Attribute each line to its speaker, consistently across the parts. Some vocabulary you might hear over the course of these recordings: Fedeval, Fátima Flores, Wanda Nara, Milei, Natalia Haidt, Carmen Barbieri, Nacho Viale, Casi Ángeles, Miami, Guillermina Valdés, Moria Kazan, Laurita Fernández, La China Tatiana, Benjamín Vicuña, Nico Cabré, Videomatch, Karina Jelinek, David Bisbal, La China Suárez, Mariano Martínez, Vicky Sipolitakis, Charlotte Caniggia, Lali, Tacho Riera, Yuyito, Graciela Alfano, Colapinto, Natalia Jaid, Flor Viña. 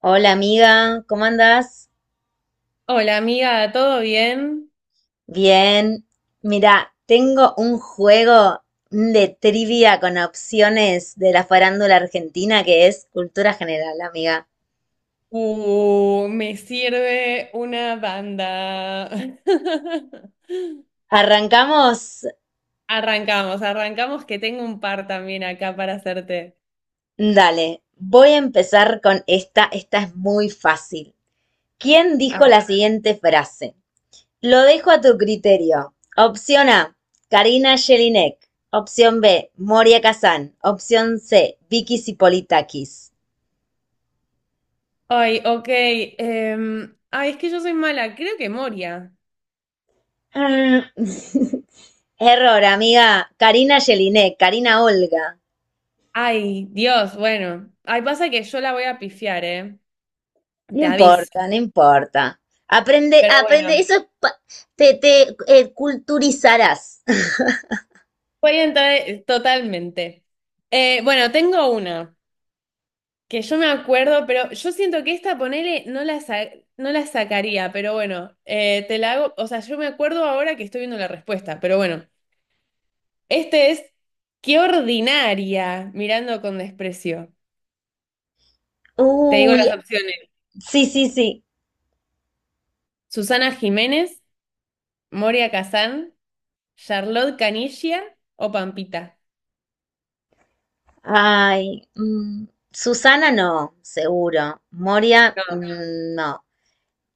Speaker 1: Hola, amiga, ¿cómo andás?
Speaker 2: Hola amiga, ¿todo bien?
Speaker 1: Bien. Mira, tengo un juego de trivia con opciones de la farándula argentina que es cultura general, amiga.
Speaker 2: Me sirve una banda.
Speaker 1: Arrancamos.
Speaker 2: Arrancamos, arrancamos que tengo un par también acá para hacerte.
Speaker 1: Dale, voy a empezar con esta. Esta es muy fácil. ¿Quién
Speaker 2: A
Speaker 1: dijo
Speaker 2: ver.
Speaker 1: la siguiente frase? Lo dejo a tu criterio. Opción A, Karina Jelinek. Opción B, Moria Kazan. Opción C, Vicky Sipolitakis.
Speaker 2: Ay, ok. Ay, es que yo soy mala, creo que Moria.
Speaker 1: Error, amiga. Karina Jelinek, Karina Olga.
Speaker 2: Ay, Dios, bueno. Ay, pasa que yo la voy a pifiar, ¿eh?
Speaker 1: No
Speaker 2: Te aviso.
Speaker 1: importa, no importa. Aprende,
Speaker 2: Pero
Speaker 1: aprende,
Speaker 2: bueno.
Speaker 1: eso es te culturizarás.
Speaker 2: Voy a entrar totalmente. Bueno, tengo una. Que yo me acuerdo, pero yo siento que esta, ponele, no la sacaría, pero bueno, te la hago, o sea, yo me acuerdo ahora que estoy viendo la respuesta, pero bueno, este es, qué ordinaria, mirando con desprecio. Te digo
Speaker 1: Uy,
Speaker 2: las opciones.
Speaker 1: sí, sí, sí.
Speaker 2: Susana Jiménez, Moria Kazán, Charlotte Canilla o Pampita.
Speaker 1: Ay, Susana no, seguro. Moria,
Speaker 2: No.
Speaker 1: no.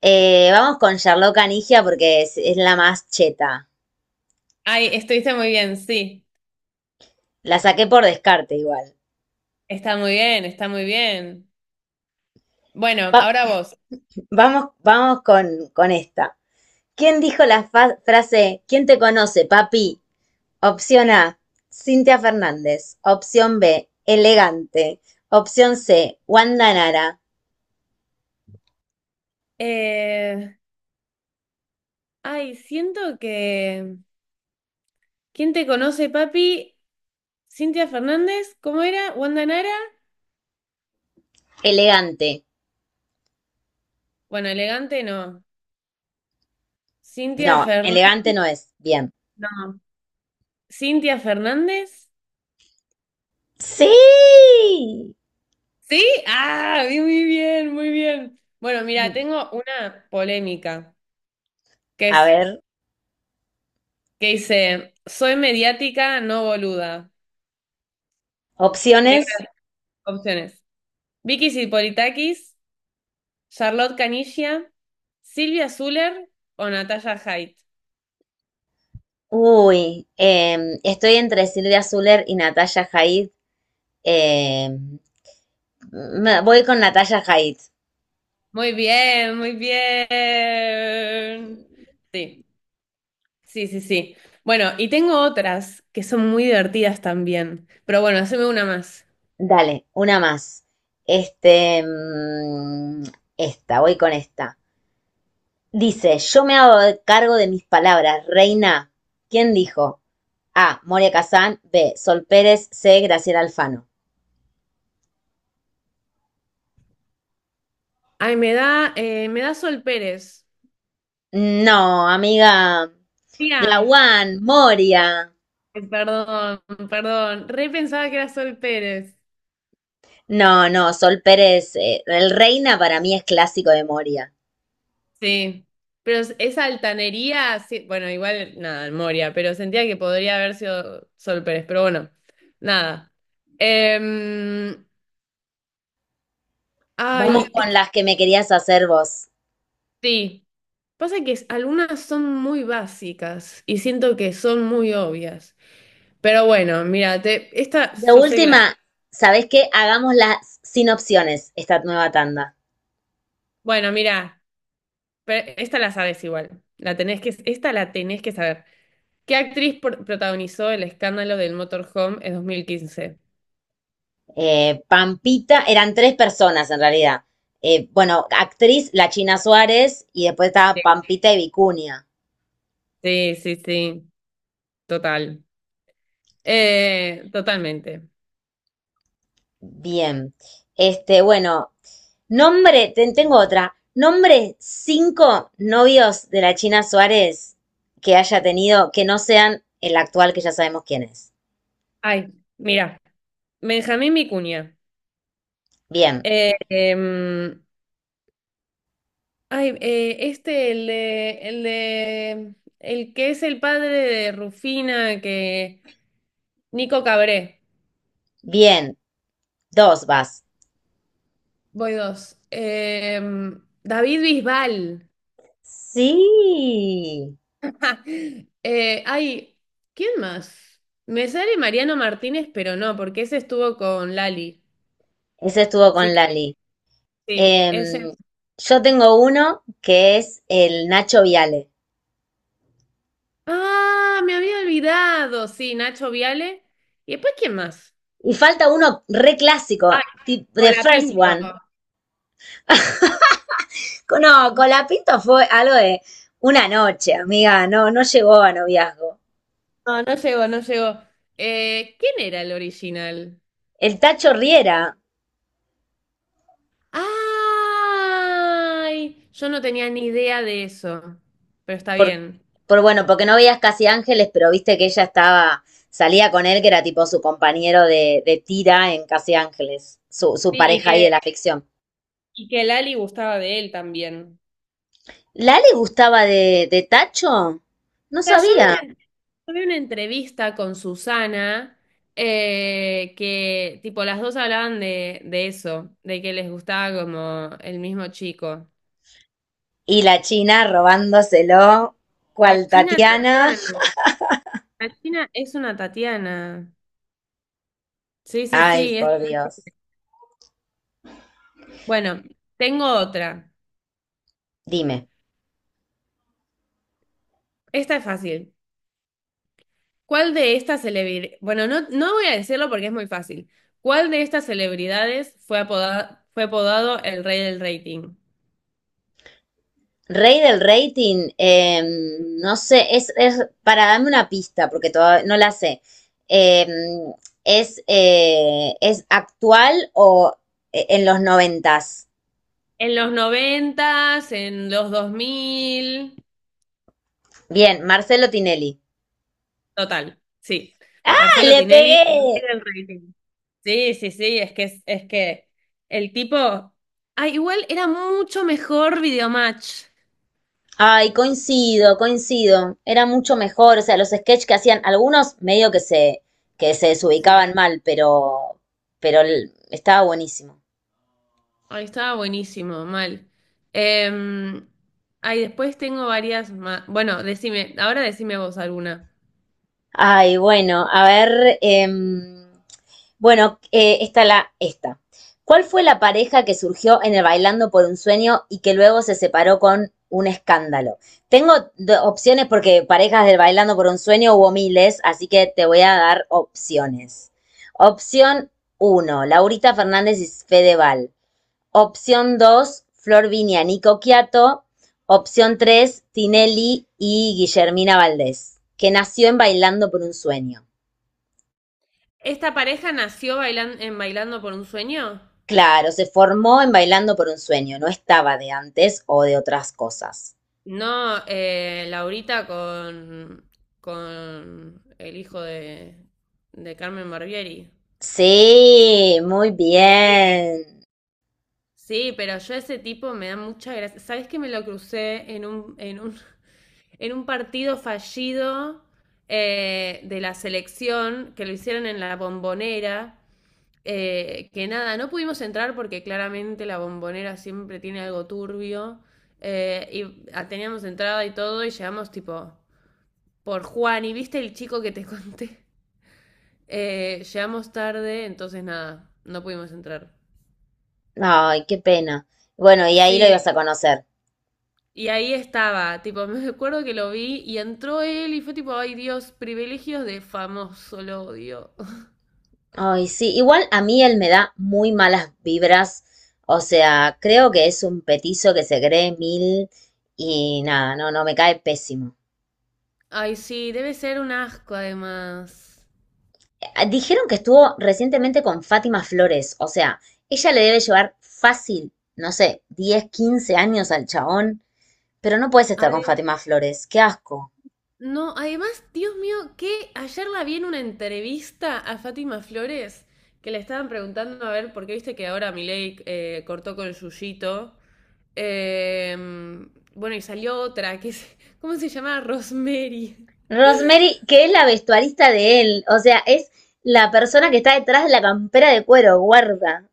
Speaker 1: Vamos con Charlotte Canigia porque es la más cheta.
Speaker 2: Ay, estuviste muy bien, sí.
Speaker 1: La saqué por descarte igual.
Speaker 2: Está muy bien, está muy bien. Bueno,
Speaker 1: Va-
Speaker 2: ahora vos.
Speaker 1: vamos con esta. ¿Quién dijo la frase ¿Quién te conoce, papi? Opción A, Cintia Fernández. Opción B, elegante. Opción C, Wanda Nara.
Speaker 2: Eh, ay, siento que... ¿Quién te conoce, papi? Cintia Fernández, ¿cómo era? ¿Wanda Nara?
Speaker 1: Elegante.
Speaker 2: Bueno, elegante no. Cintia
Speaker 1: No,
Speaker 2: Fer-
Speaker 1: elegante no es. Bien.
Speaker 2: No. Cintia Fernández.
Speaker 1: Sí.
Speaker 2: ¿Sí? Ah, bien, muy bien, muy bien. Bueno, mira, tengo una polémica que
Speaker 1: A
Speaker 2: es
Speaker 1: ver,
Speaker 2: que dice, soy mediática, no boluda.
Speaker 1: opciones.
Speaker 2: Opciones. Vicky Sipolitakis, Charlotte Caniggia, Silvia Zuller o Natalia Haidt.
Speaker 1: Uy, estoy entre Silvia Zuller y Natalia Jaid. Em, Voy con Natalia Jaid.
Speaker 2: Muy bien, muy bien. Sí. Sí, sí, sí. Bueno, y tengo otras que son muy divertidas también. Pero bueno, haceme una más.
Speaker 1: Dale, una más. Este, mm, Esta, voy con esta. Dice, yo me hago cargo de mis palabras, reina. ¿Quién dijo? A, Moria Kazán, B, Sol Pérez, C, Graciela Alfano.
Speaker 2: Ay, me da Sol Pérez.
Speaker 1: No, amiga. La
Speaker 2: Mira,
Speaker 1: One, Moria.
Speaker 2: perdón, perdón. Re pensaba que era Sol Pérez.
Speaker 1: No, no, Sol Pérez, el reina para mí es clásico de Moria.
Speaker 2: Sí. Pero esa altanería, sí. Bueno, igual, nada, Moria, pero sentía que podría haber sido Sol Pérez. Pero bueno, nada. Em,
Speaker 1: Vamos
Speaker 2: ay, es
Speaker 1: con
Speaker 2: que
Speaker 1: las que me querías hacer vos.
Speaker 2: sí. Pasa que algunas son muy básicas y siento que son muy obvias. Pero bueno, mira, esta
Speaker 1: De
Speaker 2: yo sé que la.
Speaker 1: última, ¿sabés qué? Hagámoslas sin opciones, esta nueva tanda.
Speaker 2: Bueno, mira, pero esta la sabes igual. La tenés que, esta la tenés que saber. ¿Qué actriz protagonizó el escándalo del motorhome en 2015?
Speaker 1: Pampita, eran tres personas en realidad. Bueno, actriz La China Suárez y después estaba
Speaker 2: Sí,
Speaker 1: Pampita y Vicuña.
Speaker 2: sí, sí, sí, total. Totalmente.
Speaker 1: Bien. Este, bueno, nombre, tengo otra. Nombre cinco novios de la China Suárez que haya tenido que no sean el actual que ya sabemos quién es.
Speaker 2: Ay, mira, Benjamín Vicuña.
Speaker 1: Bien,
Speaker 2: Eh, em, ay, este, el que es el padre de Rufina, que, Nico Cabré.
Speaker 1: bien. Dos vas.
Speaker 2: Voy dos. Em, David Bisbal.
Speaker 1: Sí.
Speaker 2: Ay, ¿quién más? Me sale Mariano Martínez, pero no, porque ese estuvo con Lali.
Speaker 1: Ese estuvo
Speaker 2: Sí
Speaker 1: con
Speaker 2: que
Speaker 1: Lali.
Speaker 2: sí, ese.
Speaker 1: Em, yo tengo uno que es el Nacho Viale.
Speaker 2: Ah, me había olvidado. Sí, Nacho Viale. ¿Y después quién más?
Speaker 1: Y falta uno re clásico,
Speaker 2: Ah,
Speaker 1: The First
Speaker 2: Colapinto.
Speaker 1: One. No, Colapinto fue algo de una noche, amiga, no, no llegó a noviazgo.
Speaker 2: No, no llegó, no llegó. ¿Quién era el original?
Speaker 1: El Tacho Riera,
Speaker 2: ¡Ay! Yo no tenía ni idea de eso, pero está
Speaker 1: por,
Speaker 2: bien.
Speaker 1: porque no veías casi ángeles, pero viste que ella estaba, salía con él, que era tipo su compañero de tira en Casi Ángeles, su
Speaker 2: Sí, y
Speaker 1: pareja ahí de la
Speaker 2: que.
Speaker 1: ficción.
Speaker 2: Y que Lali gustaba de él también.
Speaker 1: ¿La le gustaba de Tacho? No
Speaker 2: O sea,
Speaker 1: sabía.
Speaker 2: vi una, yo vi una entrevista con Susana que, tipo, las dos hablaban de eso, de que les gustaba como el mismo chico.
Speaker 1: Y la China robándoselo,
Speaker 2: La
Speaker 1: cual
Speaker 2: China
Speaker 1: Tatiana.
Speaker 2: Tatiana. La China es una Tatiana. Sí, sí,
Speaker 1: Ay,
Speaker 2: sí.
Speaker 1: por Dios.
Speaker 2: Bueno, tengo otra.
Speaker 1: Dime.
Speaker 2: Esta es fácil. ¿Cuál de estas celebridades? Bueno, no, no voy a decirlo porque es muy fácil. ¿Cuál de estas celebridades fue apodado el rey del rating?
Speaker 1: Rey del rating, no sé, es para darme una pista, porque todavía no la sé. Eh, ¿Es actual o en los noventas?
Speaker 2: En los noventas, en los 2000,
Speaker 1: Bien, Marcelo Tinelli.
Speaker 2: total, sí.
Speaker 1: ¡Ah,
Speaker 2: Marcelo
Speaker 1: le
Speaker 2: Tinelli, rey
Speaker 1: pegué!
Speaker 2: del rating. Sí, sí, sí, es que el tipo, ah, igual era mucho mejor Videomatch.
Speaker 1: Ay, coincido, coincido. Era mucho mejor. O sea, los sketches que hacían algunos medio que se
Speaker 2: Sí.
Speaker 1: desubicaban mal, pero estaba buenísimo.
Speaker 2: Ahí estaba buenísimo, mal. Em, ay, después tengo varias más. Bueno, decime, ahora decime vos alguna.
Speaker 1: Ay, bueno, a ver, bueno, esta. ¿Cuál fue la pareja que surgió en el Bailando por un Sueño y que luego se separó con un escándalo? Tengo opciones porque parejas del Bailando por un Sueño hubo miles, así que te voy a dar opciones. Opción uno: Laurita Fernández y Fedeval. Opción 2: Flor Viña, Nico Quiato. Opción 3: Tinelli y Guillermina Valdés, que nació en Bailando por un Sueño.
Speaker 2: ¿Esta pareja nació en Bailando por un Sueño?
Speaker 1: Claro, se formó en Bailando por un sueño, no estaba de antes o de otras cosas.
Speaker 2: No, Laurita con el hijo de Carmen Barbieri.
Speaker 1: Sí, muy
Speaker 2: Sí.
Speaker 1: bien.
Speaker 2: Sí, pero yo ese tipo me da mucha gracia. ¿Sabés que me lo crucé en un partido fallido de la selección que lo hicieron en la bombonera? Eh, que nada, no pudimos entrar porque claramente la bombonera siempre tiene algo turbio. Eh, y ah, teníamos entrada y todo y llegamos tipo por Juan. ¿Y viste el chico que te conté? Llegamos tarde, entonces nada, no pudimos entrar.
Speaker 1: Ay, qué pena. Bueno, y ahí lo
Speaker 2: Sí,
Speaker 1: ibas a conocer.
Speaker 2: y ahí estaba, tipo, me acuerdo que lo vi y entró él y fue tipo, ay Dios, privilegios de famoso, lo odio.
Speaker 1: Ay, sí, igual a mí él me da muy malas vibras. O sea, creo que es un petizo que se cree mil y nada, no, no, me cae pésimo.
Speaker 2: Ay, sí, debe ser un asco además.
Speaker 1: Dijeron que estuvo recientemente con Fátima Flores. O sea, ella le debe llevar fácil, no sé, 10, 15 años al chabón. Pero no puedes estar con
Speaker 2: Adem-
Speaker 1: Fátima Flores, qué asco.
Speaker 2: no, además, Dios mío, que ayer la vi en una entrevista a Fátima Flores que le estaban preguntando a ver, porque viste que ahora Milei cortó con Yuyito. Eh, bueno, y salió otra, que es, ¿cómo se llama? Rosemary.
Speaker 1: Rosemary, que es la vestuarista de él, o sea, es la persona que está detrás de la campera de cuero, guarda.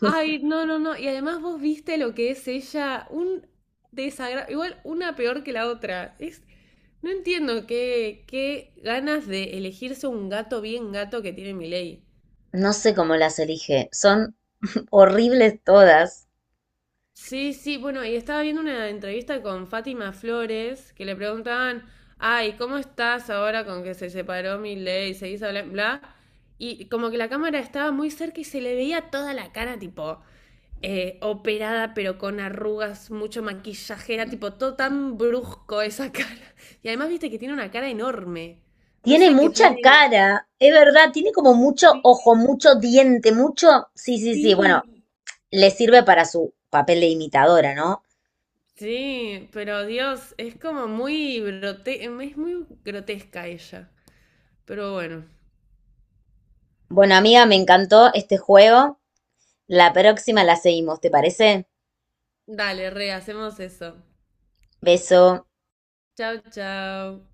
Speaker 2: Ay, no, no, no. Y además vos viste lo que es ella, un desagrado, igual una peor que la otra. Es, no entiendo qué, qué ganas de elegirse un gato bien gato que tiene Miley.
Speaker 1: No sé cómo las elige, son horribles todas.
Speaker 2: Sí, sí, bueno, y estaba viendo una entrevista con Fátima Flores que le preguntaban, ay, ¿cómo estás ahora con que se separó Milei y seguís hablando, bla, bla? Y como que la cámara estaba muy cerca y se le veía toda la cara, tipo, operada, pero con arrugas, mucho maquillaje, era tipo todo tan brusco esa cara. Y además, viste que tiene una cara enorme. No
Speaker 1: Tiene
Speaker 2: sé qué tiene.
Speaker 1: mucha cara, es verdad, tiene como mucho
Speaker 2: Sí,
Speaker 1: ojo, mucho diente, mucho... Sí, sí, sí, bueno,
Speaker 2: sí.
Speaker 1: le sirve para su papel de imitadora, ¿no?
Speaker 2: Sí, pero Dios, es como muy grote, es muy grotesca ella. Pero bueno,
Speaker 1: Bueno, amiga, me encantó este juego. La próxima la seguimos, ¿te parece?
Speaker 2: dale, re, hacemos eso.
Speaker 1: Beso.
Speaker 2: Chao, chao.